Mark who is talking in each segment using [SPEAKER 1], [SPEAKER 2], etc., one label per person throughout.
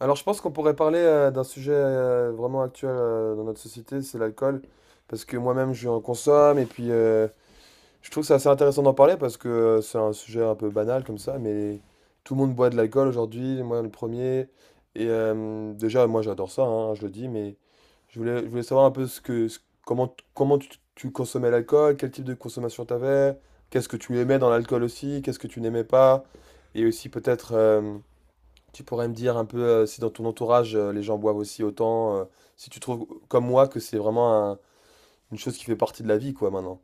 [SPEAKER 1] Alors, je pense qu'on pourrait parler d'un sujet vraiment actuel dans notre société, c'est l'alcool. Parce que moi-même, je en consomme. Et puis, je trouve que c'est assez intéressant d'en parler parce que c'est un sujet un peu banal comme ça. Mais tout le monde boit de l'alcool aujourd'hui, moi le premier. Et déjà, moi, j'adore ça, hein, je le dis. Mais je voulais savoir un peu comment, comment tu consommais l'alcool, quel type de consommation tu avais, qu'est-ce que tu aimais dans l'alcool aussi, qu'est-ce que tu n'aimais pas. Et aussi, peut-être, tu pourrais me dire un peu si dans ton entourage les gens boivent aussi autant, si tu trouves comme moi que c'est vraiment une chose qui fait partie de la vie quoi maintenant.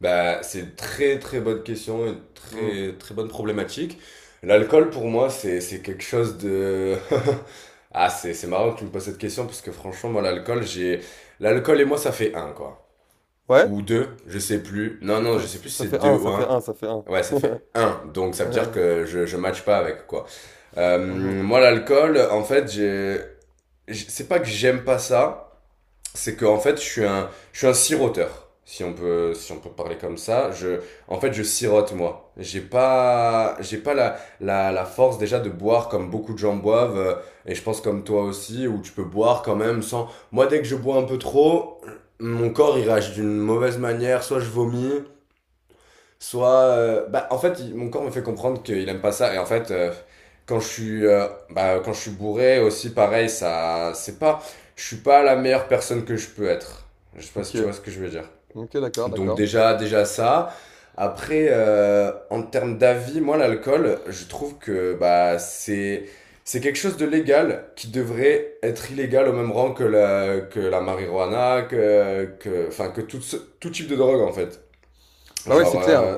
[SPEAKER 2] Bah, c'est une très très bonne question, une
[SPEAKER 1] Hmm.
[SPEAKER 2] très très bonne problématique. L'alcool pour moi c'est quelque chose de Ah, c'est marrant que tu me poses cette question parce que franchement moi l'alcool, j'ai l'alcool et moi ça fait un quoi.
[SPEAKER 1] Ouais?
[SPEAKER 2] Ou deux, je sais plus. Non
[SPEAKER 1] Ça
[SPEAKER 2] non, je
[SPEAKER 1] fait
[SPEAKER 2] sais plus
[SPEAKER 1] ça,
[SPEAKER 2] si
[SPEAKER 1] ça
[SPEAKER 2] c'est
[SPEAKER 1] fait
[SPEAKER 2] deux
[SPEAKER 1] un,
[SPEAKER 2] ou
[SPEAKER 1] ça fait
[SPEAKER 2] un.
[SPEAKER 1] un, ça fait un.
[SPEAKER 2] Ouais, ça fait un. Donc ça veut dire
[SPEAKER 1] Ouais.
[SPEAKER 2] que je match pas avec quoi.
[SPEAKER 1] Mhm.
[SPEAKER 2] Moi l'alcool en fait, c'est pas que j'aime pas ça, c'est que en fait, je suis un siroteur, si on peut parler comme ça. Je, en fait, je sirote moi. J'ai pas la, la, la force déjà de boire comme beaucoup de gens boivent, et je pense comme toi aussi, où tu peux boire quand même sans. Moi, dès que je bois un peu trop, mon corps il réagit d'une mauvaise manière. Soit je vomis, soit, en fait, mon corps me fait comprendre qu'il aime pas ça. Et en fait, quand je suis, quand je suis bourré aussi, pareil, c'est pas, je suis pas la meilleure personne que je peux être. Je sais pas si
[SPEAKER 1] Ok.
[SPEAKER 2] tu vois ce que je veux dire.
[SPEAKER 1] Ok, d'accord,
[SPEAKER 2] Donc
[SPEAKER 1] d'accord.
[SPEAKER 2] déjà, déjà ça. Après, en termes d'avis, moi, l'alcool, je trouve que bah c'est quelque chose de légal qui devrait être illégal au même rang que que la marijuana, enfin, que tout type de drogue en fait.
[SPEAKER 1] Bah ouais, c'est
[SPEAKER 2] Genre,
[SPEAKER 1] clair, hein.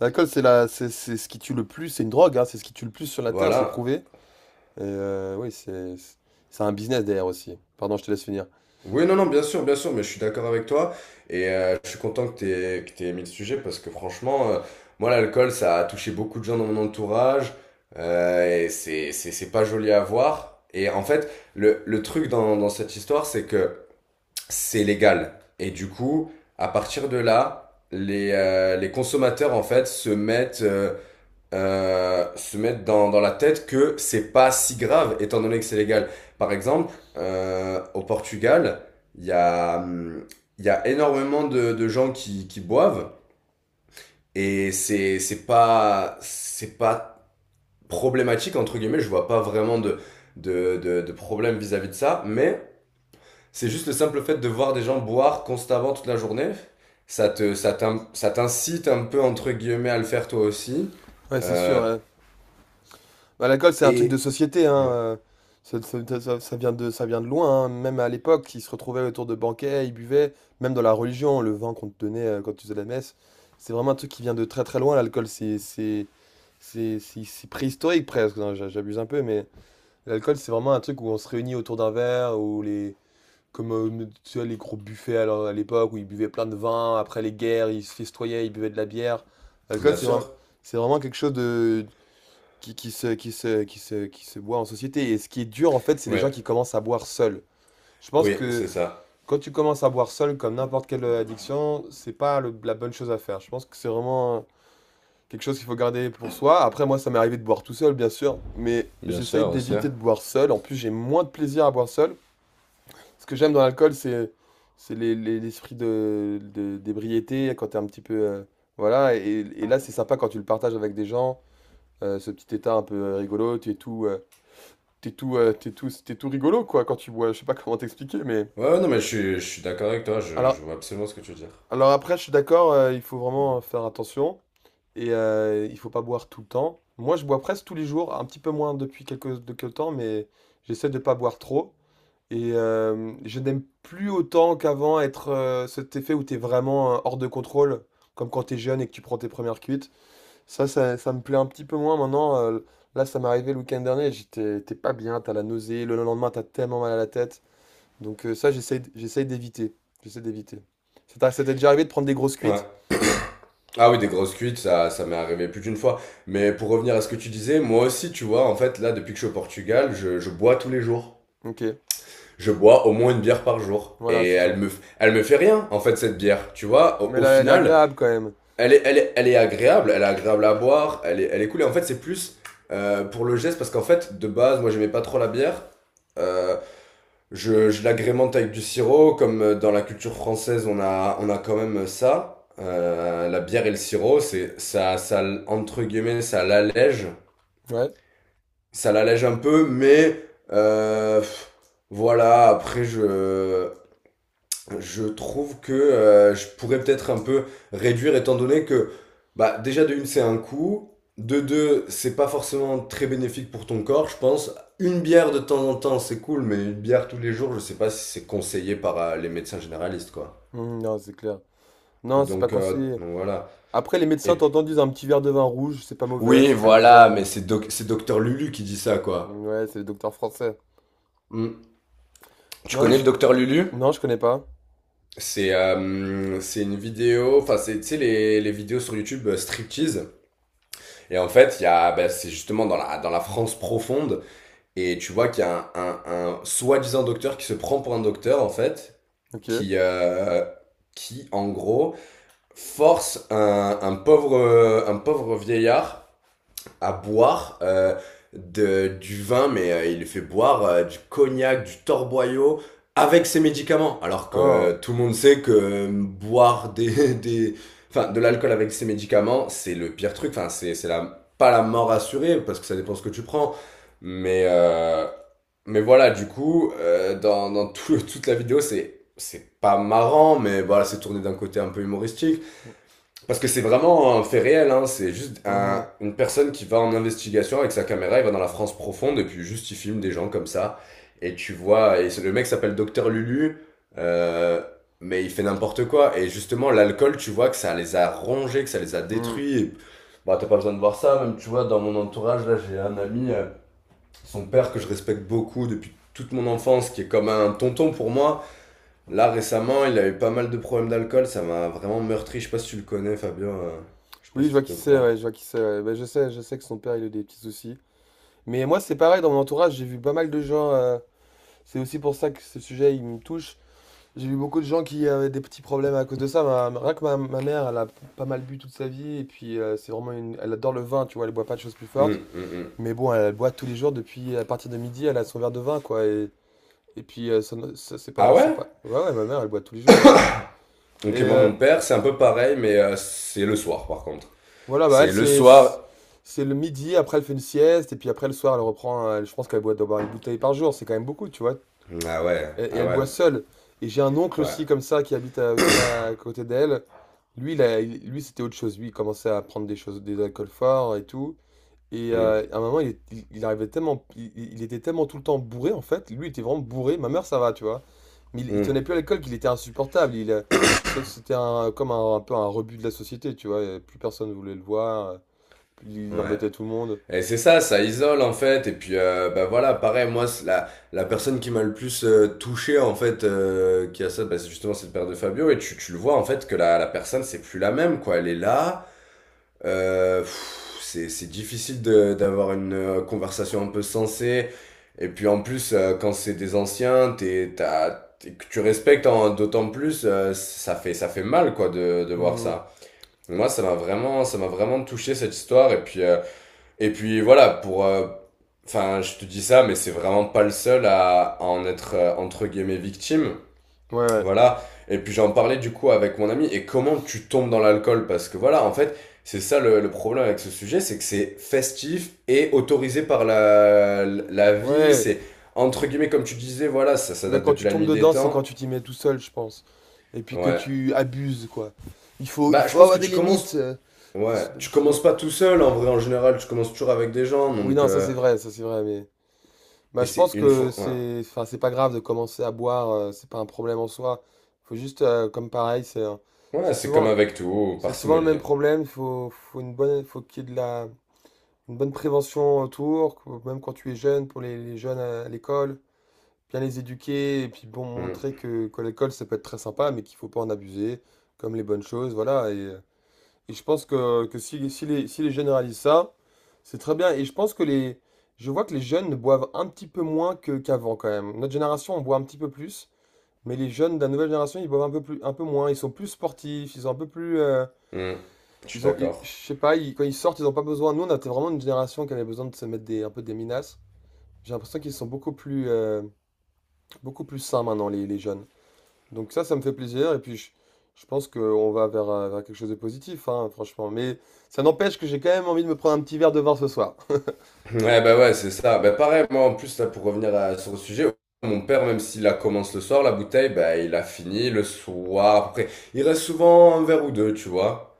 [SPEAKER 1] L'alcool, c'est la, c'est ce qui tue le plus. C'est une drogue, hein, c'est ce qui tue le plus sur la terre, c'est
[SPEAKER 2] voilà.
[SPEAKER 1] prouvé. Et oui, c'est un business derrière aussi. Pardon, je te laisse finir.
[SPEAKER 2] Oui, non, non, bien sûr, mais je suis d'accord avec toi. Et je suis content que t'aies mis le sujet parce que franchement, moi, l'alcool, ça a touché beaucoup de gens dans mon entourage. Et c'est pas joli à voir. Et en fait, le truc dans cette histoire, c'est que c'est légal. Et du coup, à partir de là, les consommateurs, en fait, se mettent, se mettre dans la tête que c'est pas si grave étant donné que c'est légal. Par exemple, au Portugal, il y a, hum, il y a énormément de gens qui boivent et c'est pas problématique entre guillemets. Je vois pas vraiment de problème vis-à-vis de ça, mais c'est juste le simple fait de voir des gens boire constamment toute la journée. Ça ça t'incite un peu entre guillemets à le faire toi aussi.
[SPEAKER 1] Ouais, c'est
[SPEAKER 2] Euh,
[SPEAKER 1] sûr, hein. Bah, l'alcool, c'est un truc de
[SPEAKER 2] et
[SPEAKER 1] société, hein,
[SPEAKER 2] euh,
[SPEAKER 1] ça ça ça ça vient de loin, hein. Même à l'époque, ils se retrouvaient autour de banquets, ils buvaient, même dans la religion, le vin qu'on te donnait, quand tu faisais la messe. C'est vraiment un truc qui vient de très, très loin, l'alcool. C'est préhistorique presque, non, j'abuse un peu, mais l'alcool, c'est vraiment un truc où on se réunit autour d'un verre, ou les comme, tu vois, les gros buffets à l'époque où ils buvaient plein de vin, après les guerres, ils se festoyaient, ils buvaient de la bière. L'alcool,
[SPEAKER 2] Bien
[SPEAKER 1] c'est vraiment
[SPEAKER 2] sûr.
[SPEAKER 1] c'est vraiment quelque chose de qui, qui se boit en société. Et ce qui est dur, en fait, c'est les gens
[SPEAKER 2] Ouais.
[SPEAKER 1] qui commencent à boire seuls. Je pense
[SPEAKER 2] Oui, c'est
[SPEAKER 1] que
[SPEAKER 2] ça.
[SPEAKER 1] quand tu commences à boire seul, comme n'importe quelle addiction, c'est pas la bonne chose à faire. Je pense que c'est vraiment quelque chose qu'il faut garder pour soi. Après, moi, ça m'est arrivé de boire tout seul, bien sûr, mais
[SPEAKER 2] Bien
[SPEAKER 1] j'essaye
[SPEAKER 2] sûr, aussi.
[SPEAKER 1] d'éviter de boire seul. En plus, j'ai moins de plaisir à boire seul. Ce que j'aime dans l'alcool, c'est l'esprit d'ébriété, quand t'es un petit peu... voilà, et là, c'est sympa quand tu le partages avec des gens, ce petit état un peu rigolo, tu es tout... t'es tout, tu tout, tu es tout rigolo, quoi, quand tu bois. Je sais pas comment t'expliquer, mais...
[SPEAKER 2] Ouais, ouais, non, mais je suis d'accord avec toi, je
[SPEAKER 1] Alors,
[SPEAKER 2] vois absolument ce que tu veux dire.
[SPEAKER 1] alors, après, je suis d'accord, il faut vraiment faire attention. Et il faut pas boire tout le temps. Moi, je bois presque tous les jours, un petit peu moins depuis quelques temps, mais j'essaie de pas boire trop. Et je n'aime plus autant qu'avant être cet effet où tu es vraiment hors de contrôle, comme quand tu es jeune et que tu prends tes premières cuites. Ça me plaît un petit peu moins maintenant. Là, ça m'est arrivé le week-end dernier, j'étais t'es pas bien, t'as la nausée, le lendemain, t'as tellement mal à la tête. Donc ça, j'essaye d'éviter. J'essaie d'éviter. Ça t'est déjà arrivé de prendre des grosses cuites?
[SPEAKER 2] Ouais. Ah oui, des grosses cuites, ça m'est arrivé plus d'une fois. Mais pour revenir à ce que tu disais, moi aussi, tu vois, en fait, là, depuis que je suis au Portugal, je bois tous les jours.
[SPEAKER 1] Ok,
[SPEAKER 2] Je bois au moins une bière par jour.
[SPEAKER 1] voilà,
[SPEAKER 2] Et
[SPEAKER 1] c'est ça.
[SPEAKER 2] elle me fait rien, en fait, cette bière. Tu vois,
[SPEAKER 1] Mais
[SPEAKER 2] au
[SPEAKER 1] là elle est
[SPEAKER 2] final,
[SPEAKER 1] agréable quand même.
[SPEAKER 2] elle est agréable à boire, elle est cool. Et en fait, c'est plus pour le geste, parce qu'en fait, de base, moi, j'aimais pas trop la bière. Euh, je l'agrémente avec du sirop, comme dans la culture française, on a quand même ça. La bière et le sirop, c'est ça, entre guillemets,
[SPEAKER 1] Ouais.
[SPEAKER 2] ça l'allège un peu, mais euh, pff, voilà. Après, je trouve que je pourrais peut-être un peu réduire étant donné que bah, déjà de une c'est un coût, de deux c'est pas forcément très bénéfique pour ton corps, je pense. Une bière de temps en temps c'est cool, mais une bière tous les jours je sais pas si c'est conseillé par les médecins généralistes quoi.
[SPEAKER 1] Mhm, non, c'est clair. Non, c'est pas conseillé.
[SPEAKER 2] Donc voilà.
[SPEAKER 1] Après, les médecins
[SPEAKER 2] Et puis-
[SPEAKER 1] t'entendent disent un petit verre de vin rouge, c'est pas mauvais,
[SPEAKER 2] oui
[SPEAKER 1] c'est du
[SPEAKER 2] voilà, mais
[SPEAKER 1] raisin.
[SPEAKER 2] c'est docteur Lulu qui dit ça
[SPEAKER 1] Mmh,
[SPEAKER 2] quoi.
[SPEAKER 1] ouais, c'est le docteur français.
[SPEAKER 2] Hmm. Tu
[SPEAKER 1] Non, mais
[SPEAKER 2] connais le
[SPEAKER 1] je...
[SPEAKER 2] docteur Lulu?
[SPEAKER 1] Non, je connais pas.
[SPEAKER 2] C'est une vidéo, enfin c'est tu sais les vidéos sur YouTube striptease. Et en fait, il y a, bah, c'est justement dans la France profonde, et tu vois qu'il y a un soi-disant docteur qui se prend pour un docteur, en fait,
[SPEAKER 1] Ok.
[SPEAKER 2] qui, euh, qui en gros, force un pauvre vieillard à boire du vin, mais il lui fait boire du cognac, du torboyau avec ses médicaments. Alors
[SPEAKER 1] Ah.
[SPEAKER 2] que tout le monde sait que boire des, enfin, de l'alcool avec ses médicaments, c'est le pire truc. Enfin, pas la mort assurée parce que ça dépend ce que tu prends. Mais, euh, mais voilà, du coup, dans toute la vidéo, c'est pas marrant, mais voilà, c'est tourné d'un côté un peu humoristique. Parce que c'est vraiment un fait réel, hein. C'est juste
[SPEAKER 1] Mhm,
[SPEAKER 2] une personne qui va en investigation avec sa caméra, il va dans la France profonde et puis juste il filme des gens comme ça. Et tu vois, et le mec s'appelle Docteur Lulu, euh, mais il fait n'importe quoi. Et justement, l'alcool, tu vois que ça les a rongés, que ça les a
[SPEAKER 1] mhm.
[SPEAKER 2] détruits. Et... Bah, t'as pas besoin de voir ça, même tu vois, dans mon entourage, là j'ai un ami, son père que je respecte beaucoup depuis toute mon enfance, qui est comme un tonton pour moi. Là, récemment, il a eu pas mal de problèmes d'alcool, ça m'a vraiment meurtri. Je sais pas si tu le connais, Fabien. Je sais pas
[SPEAKER 1] Oui, je
[SPEAKER 2] si
[SPEAKER 1] vois
[SPEAKER 2] t'étais
[SPEAKER 1] qui
[SPEAKER 2] au
[SPEAKER 1] c'est, ouais,
[SPEAKER 2] courant.
[SPEAKER 1] je vois qui c'est, ouais. Ben, je sais que son père, il a eu des petits soucis. Mais moi, c'est pareil, dans mon entourage, j'ai vu pas mal de gens... C'est aussi pour ça que ce sujet, il me touche. J'ai vu beaucoup de gens qui avaient des petits problèmes à cause de ça. Rien que ma mère, elle a pas mal bu toute sa vie. Et puis, c'est vraiment une. Elle adore le vin, tu vois. Elle boit pas de choses plus fortes.
[SPEAKER 2] Hum, hum, hum.
[SPEAKER 1] Mais bon, elle boit tous les jours depuis. À partir de midi, elle a son verre de vin, quoi. Et puis, ça c'est
[SPEAKER 2] Ah
[SPEAKER 1] pas, c'est
[SPEAKER 2] ouais?
[SPEAKER 1] pas. Ouais, ouais, ma mère, elle boit tous les jours, ouais. Et
[SPEAKER 2] Donc, moi, mon père, c'est un peu pareil, mais c'est le soir, par contre.
[SPEAKER 1] voilà, bah, elle,
[SPEAKER 2] C'est le
[SPEAKER 1] c'est.
[SPEAKER 2] soir.
[SPEAKER 1] C'est le midi, après, elle fait une sieste. Et puis, après, le soir, elle reprend. Elle, je pense qu'elle boit d'abord une bouteille par jour. C'est quand même beaucoup, tu vois.
[SPEAKER 2] Ah ouais,
[SPEAKER 1] Et
[SPEAKER 2] ah
[SPEAKER 1] elle
[SPEAKER 2] ouais,
[SPEAKER 1] boit seule. Et j'ai un oncle
[SPEAKER 2] ouais.
[SPEAKER 1] aussi comme ça qui habite aussi à côté d'elle. Lui, lui c'était autre chose. Lui, il commençait à prendre des choses, des alcools forts et tout. Et
[SPEAKER 2] Hum,
[SPEAKER 1] à un moment, il arrivait tellement, il était tellement tout le temps bourré en fait. Lui, il était vraiment bourré. Ma mère, ça va, tu vois. Mais il
[SPEAKER 2] hum,
[SPEAKER 1] tenait plus à l'alcool, qu'il était insupportable. Ça c'était comme un peu un rebut de la société, tu vois. Et plus personne voulait le voir. Plus il
[SPEAKER 2] ouais.
[SPEAKER 1] embêtait tout le monde.
[SPEAKER 2] Et c'est ça, ça isole, en fait. Et puis, voilà, pareil, moi, c'est la personne qui m'a le plus touché, en fait, qui a ça, bah, c'est justement, cette le de Fabio. Et tu le vois, en fait, que la personne, c'est plus la même, quoi. Elle est là. Pff, c'est difficile d'avoir une conversation un peu sensée. Et puis en plus, quand c'est des anciens, t'as, que tu respectes d'autant plus, ça fait mal quoi de voir
[SPEAKER 1] Hmm.
[SPEAKER 2] ça. Moi, ça m'a vraiment touché cette histoire. Et puis voilà, pour, enfin, je te dis ça, mais c'est vraiment pas le seul à en être entre guillemets victime.
[SPEAKER 1] Ouais, ouais.
[SPEAKER 2] Voilà. Et puis j'en parlais du coup avec mon ami. Et comment tu tombes dans l'alcool? Parce que voilà, en fait, c'est ça le problème avec ce sujet, c'est que c'est festif et autorisé par la vie.
[SPEAKER 1] Ouais.
[SPEAKER 2] C'est entre guillemets, comme tu disais, voilà, ça
[SPEAKER 1] Mais
[SPEAKER 2] date
[SPEAKER 1] quand
[SPEAKER 2] depuis
[SPEAKER 1] tu
[SPEAKER 2] la
[SPEAKER 1] tombes
[SPEAKER 2] nuit des
[SPEAKER 1] dedans, c'est quand
[SPEAKER 2] temps.
[SPEAKER 1] tu t'y mets tout seul, je pense. Et puis que
[SPEAKER 2] Ouais.
[SPEAKER 1] tu abuses, quoi. Il faut, il
[SPEAKER 2] Bah, je
[SPEAKER 1] faut
[SPEAKER 2] pense
[SPEAKER 1] avoir
[SPEAKER 2] que
[SPEAKER 1] des
[SPEAKER 2] tu commences.
[SPEAKER 1] limites. Faut
[SPEAKER 2] Ouais,
[SPEAKER 1] se-
[SPEAKER 2] tu
[SPEAKER 1] sinon-
[SPEAKER 2] commences pas tout seul en vrai en général, tu commences toujours avec des gens
[SPEAKER 1] Oui,
[SPEAKER 2] donc
[SPEAKER 1] non, ça c'est vrai, mais... Bah,
[SPEAKER 2] et
[SPEAKER 1] je
[SPEAKER 2] c'est
[SPEAKER 1] pense
[SPEAKER 2] une
[SPEAKER 1] que
[SPEAKER 2] fois ouais.
[SPEAKER 1] c'est, enfin, c'est pas grave de commencer à boire, c'est pas un problème en soi. Faut juste, comme pareil,
[SPEAKER 2] Ouais,
[SPEAKER 1] c'est
[SPEAKER 2] c'est comme
[SPEAKER 1] souvent,
[SPEAKER 2] avec tout,
[SPEAKER 1] c'est souvent le
[SPEAKER 2] parcimonie.
[SPEAKER 1] même problème. Faut une bonne, faut qu'il y ait de la, une bonne prévention autour, même quand tu es jeune, pour les jeunes à l'école. Bien les éduquer et puis bon
[SPEAKER 2] Hum,
[SPEAKER 1] montrer que l'école ça peut être très sympa mais qu'il faut pas en abuser comme les bonnes choses voilà et je pense que si les jeunes réalisent ça c'est très bien et je pense que les je vois que les jeunes boivent un petit peu moins que qu'avant quand même, notre génération on boit un petit peu plus, mais les jeunes de la nouvelle génération ils boivent un peu moins, ils sont plus sportifs, ils sont un peu plus
[SPEAKER 2] hum. Je suis
[SPEAKER 1] je
[SPEAKER 2] d'accord.
[SPEAKER 1] sais pas quand ils sortent ils ont pas besoin, nous on était vraiment une génération qui avait besoin de se mettre des un peu des minaces, j'ai l'impression qu'ils sont beaucoup plus sains maintenant les jeunes. Donc ça me fait plaisir et puis je pense qu'on va vers, vers quelque chose de positif, hein, franchement. Mais ça n'empêche que j'ai quand même envie de me prendre un petit verre de vin ce soir.
[SPEAKER 2] Ouais, bah ouais, c'est ça. Bah pareil, moi en plus, là, pour revenir sur le sujet, mon père, même s'il la commence le soir, la bouteille, bah il a fini le soir. Après, il reste souvent un verre ou deux, tu vois.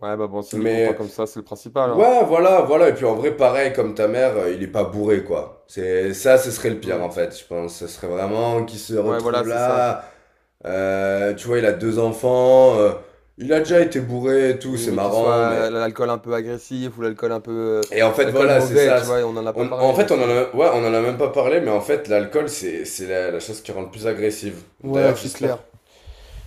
[SPEAKER 1] Ouais, bah bon, s'il est content
[SPEAKER 2] Mais
[SPEAKER 1] comme ça, c'est le principal, hein.
[SPEAKER 2] ouais, voilà, voilà. Et puis en vrai, pareil, comme ta mère, il est pas bourré, quoi. C'est ça, ce serait le pire
[SPEAKER 1] Hmm.
[SPEAKER 2] en fait, je pense. Ce serait vraiment qu'il se
[SPEAKER 1] Ouais, voilà,
[SPEAKER 2] retrouve
[SPEAKER 1] c'est ça.
[SPEAKER 2] là. Tu vois, il a deux enfants. Il a déjà
[SPEAKER 1] Compre-
[SPEAKER 2] été bourré et tout,
[SPEAKER 1] Oui,
[SPEAKER 2] c'est
[SPEAKER 1] mais qu'il
[SPEAKER 2] marrant,
[SPEAKER 1] soit
[SPEAKER 2] mais
[SPEAKER 1] l'alcool un peu agressif ou l'alcool un peu...
[SPEAKER 2] et en fait,
[SPEAKER 1] l'alcool
[SPEAKER 2] voilà, c'est
[SPEAKER 1] mauvais,
[SPEAKER 2] ça.
[SPEAKER 1] tu vois, on n'en a pas
[SPEAKER 2] On, en
[SPEAKER 1] parlé, mais
[SPEAKER 2] fait,
[SPEAKER 1] c'est...
[SPEAKER 2] ouais, on en a même pas parlé, mais en fait, l'alcool, c'est la chose qui rend le plus agressive.
[SPEAKER 1] Ouais,
[SPEAKER 2] D'ailleurs,
[SPEAKER 1] c'est
[SPEAKER 2] j'espère,
[SPEAKER 1] clair.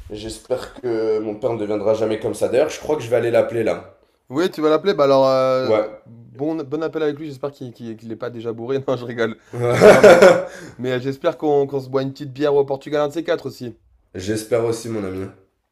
[SPEAKER 2] j'espère que mon père ne deviendra jamais comme ça. D'ailleurs, je crois que je vais aller l'appeler là.
[SPEAKER 1] Oui, tu vas l'appeler, bah alors,
[SPEAKER 2] Ouais.
[SPEAKER 1] bon, bon appel avec lui, j'espère qu'il est pas déjà bourré. Non, je rigole. Non, mais j'espère qu'on se boit une petite bière au Portugal, un de ces quatre aussi.
[SPEAKER 2] J'espère aussi, mon ami.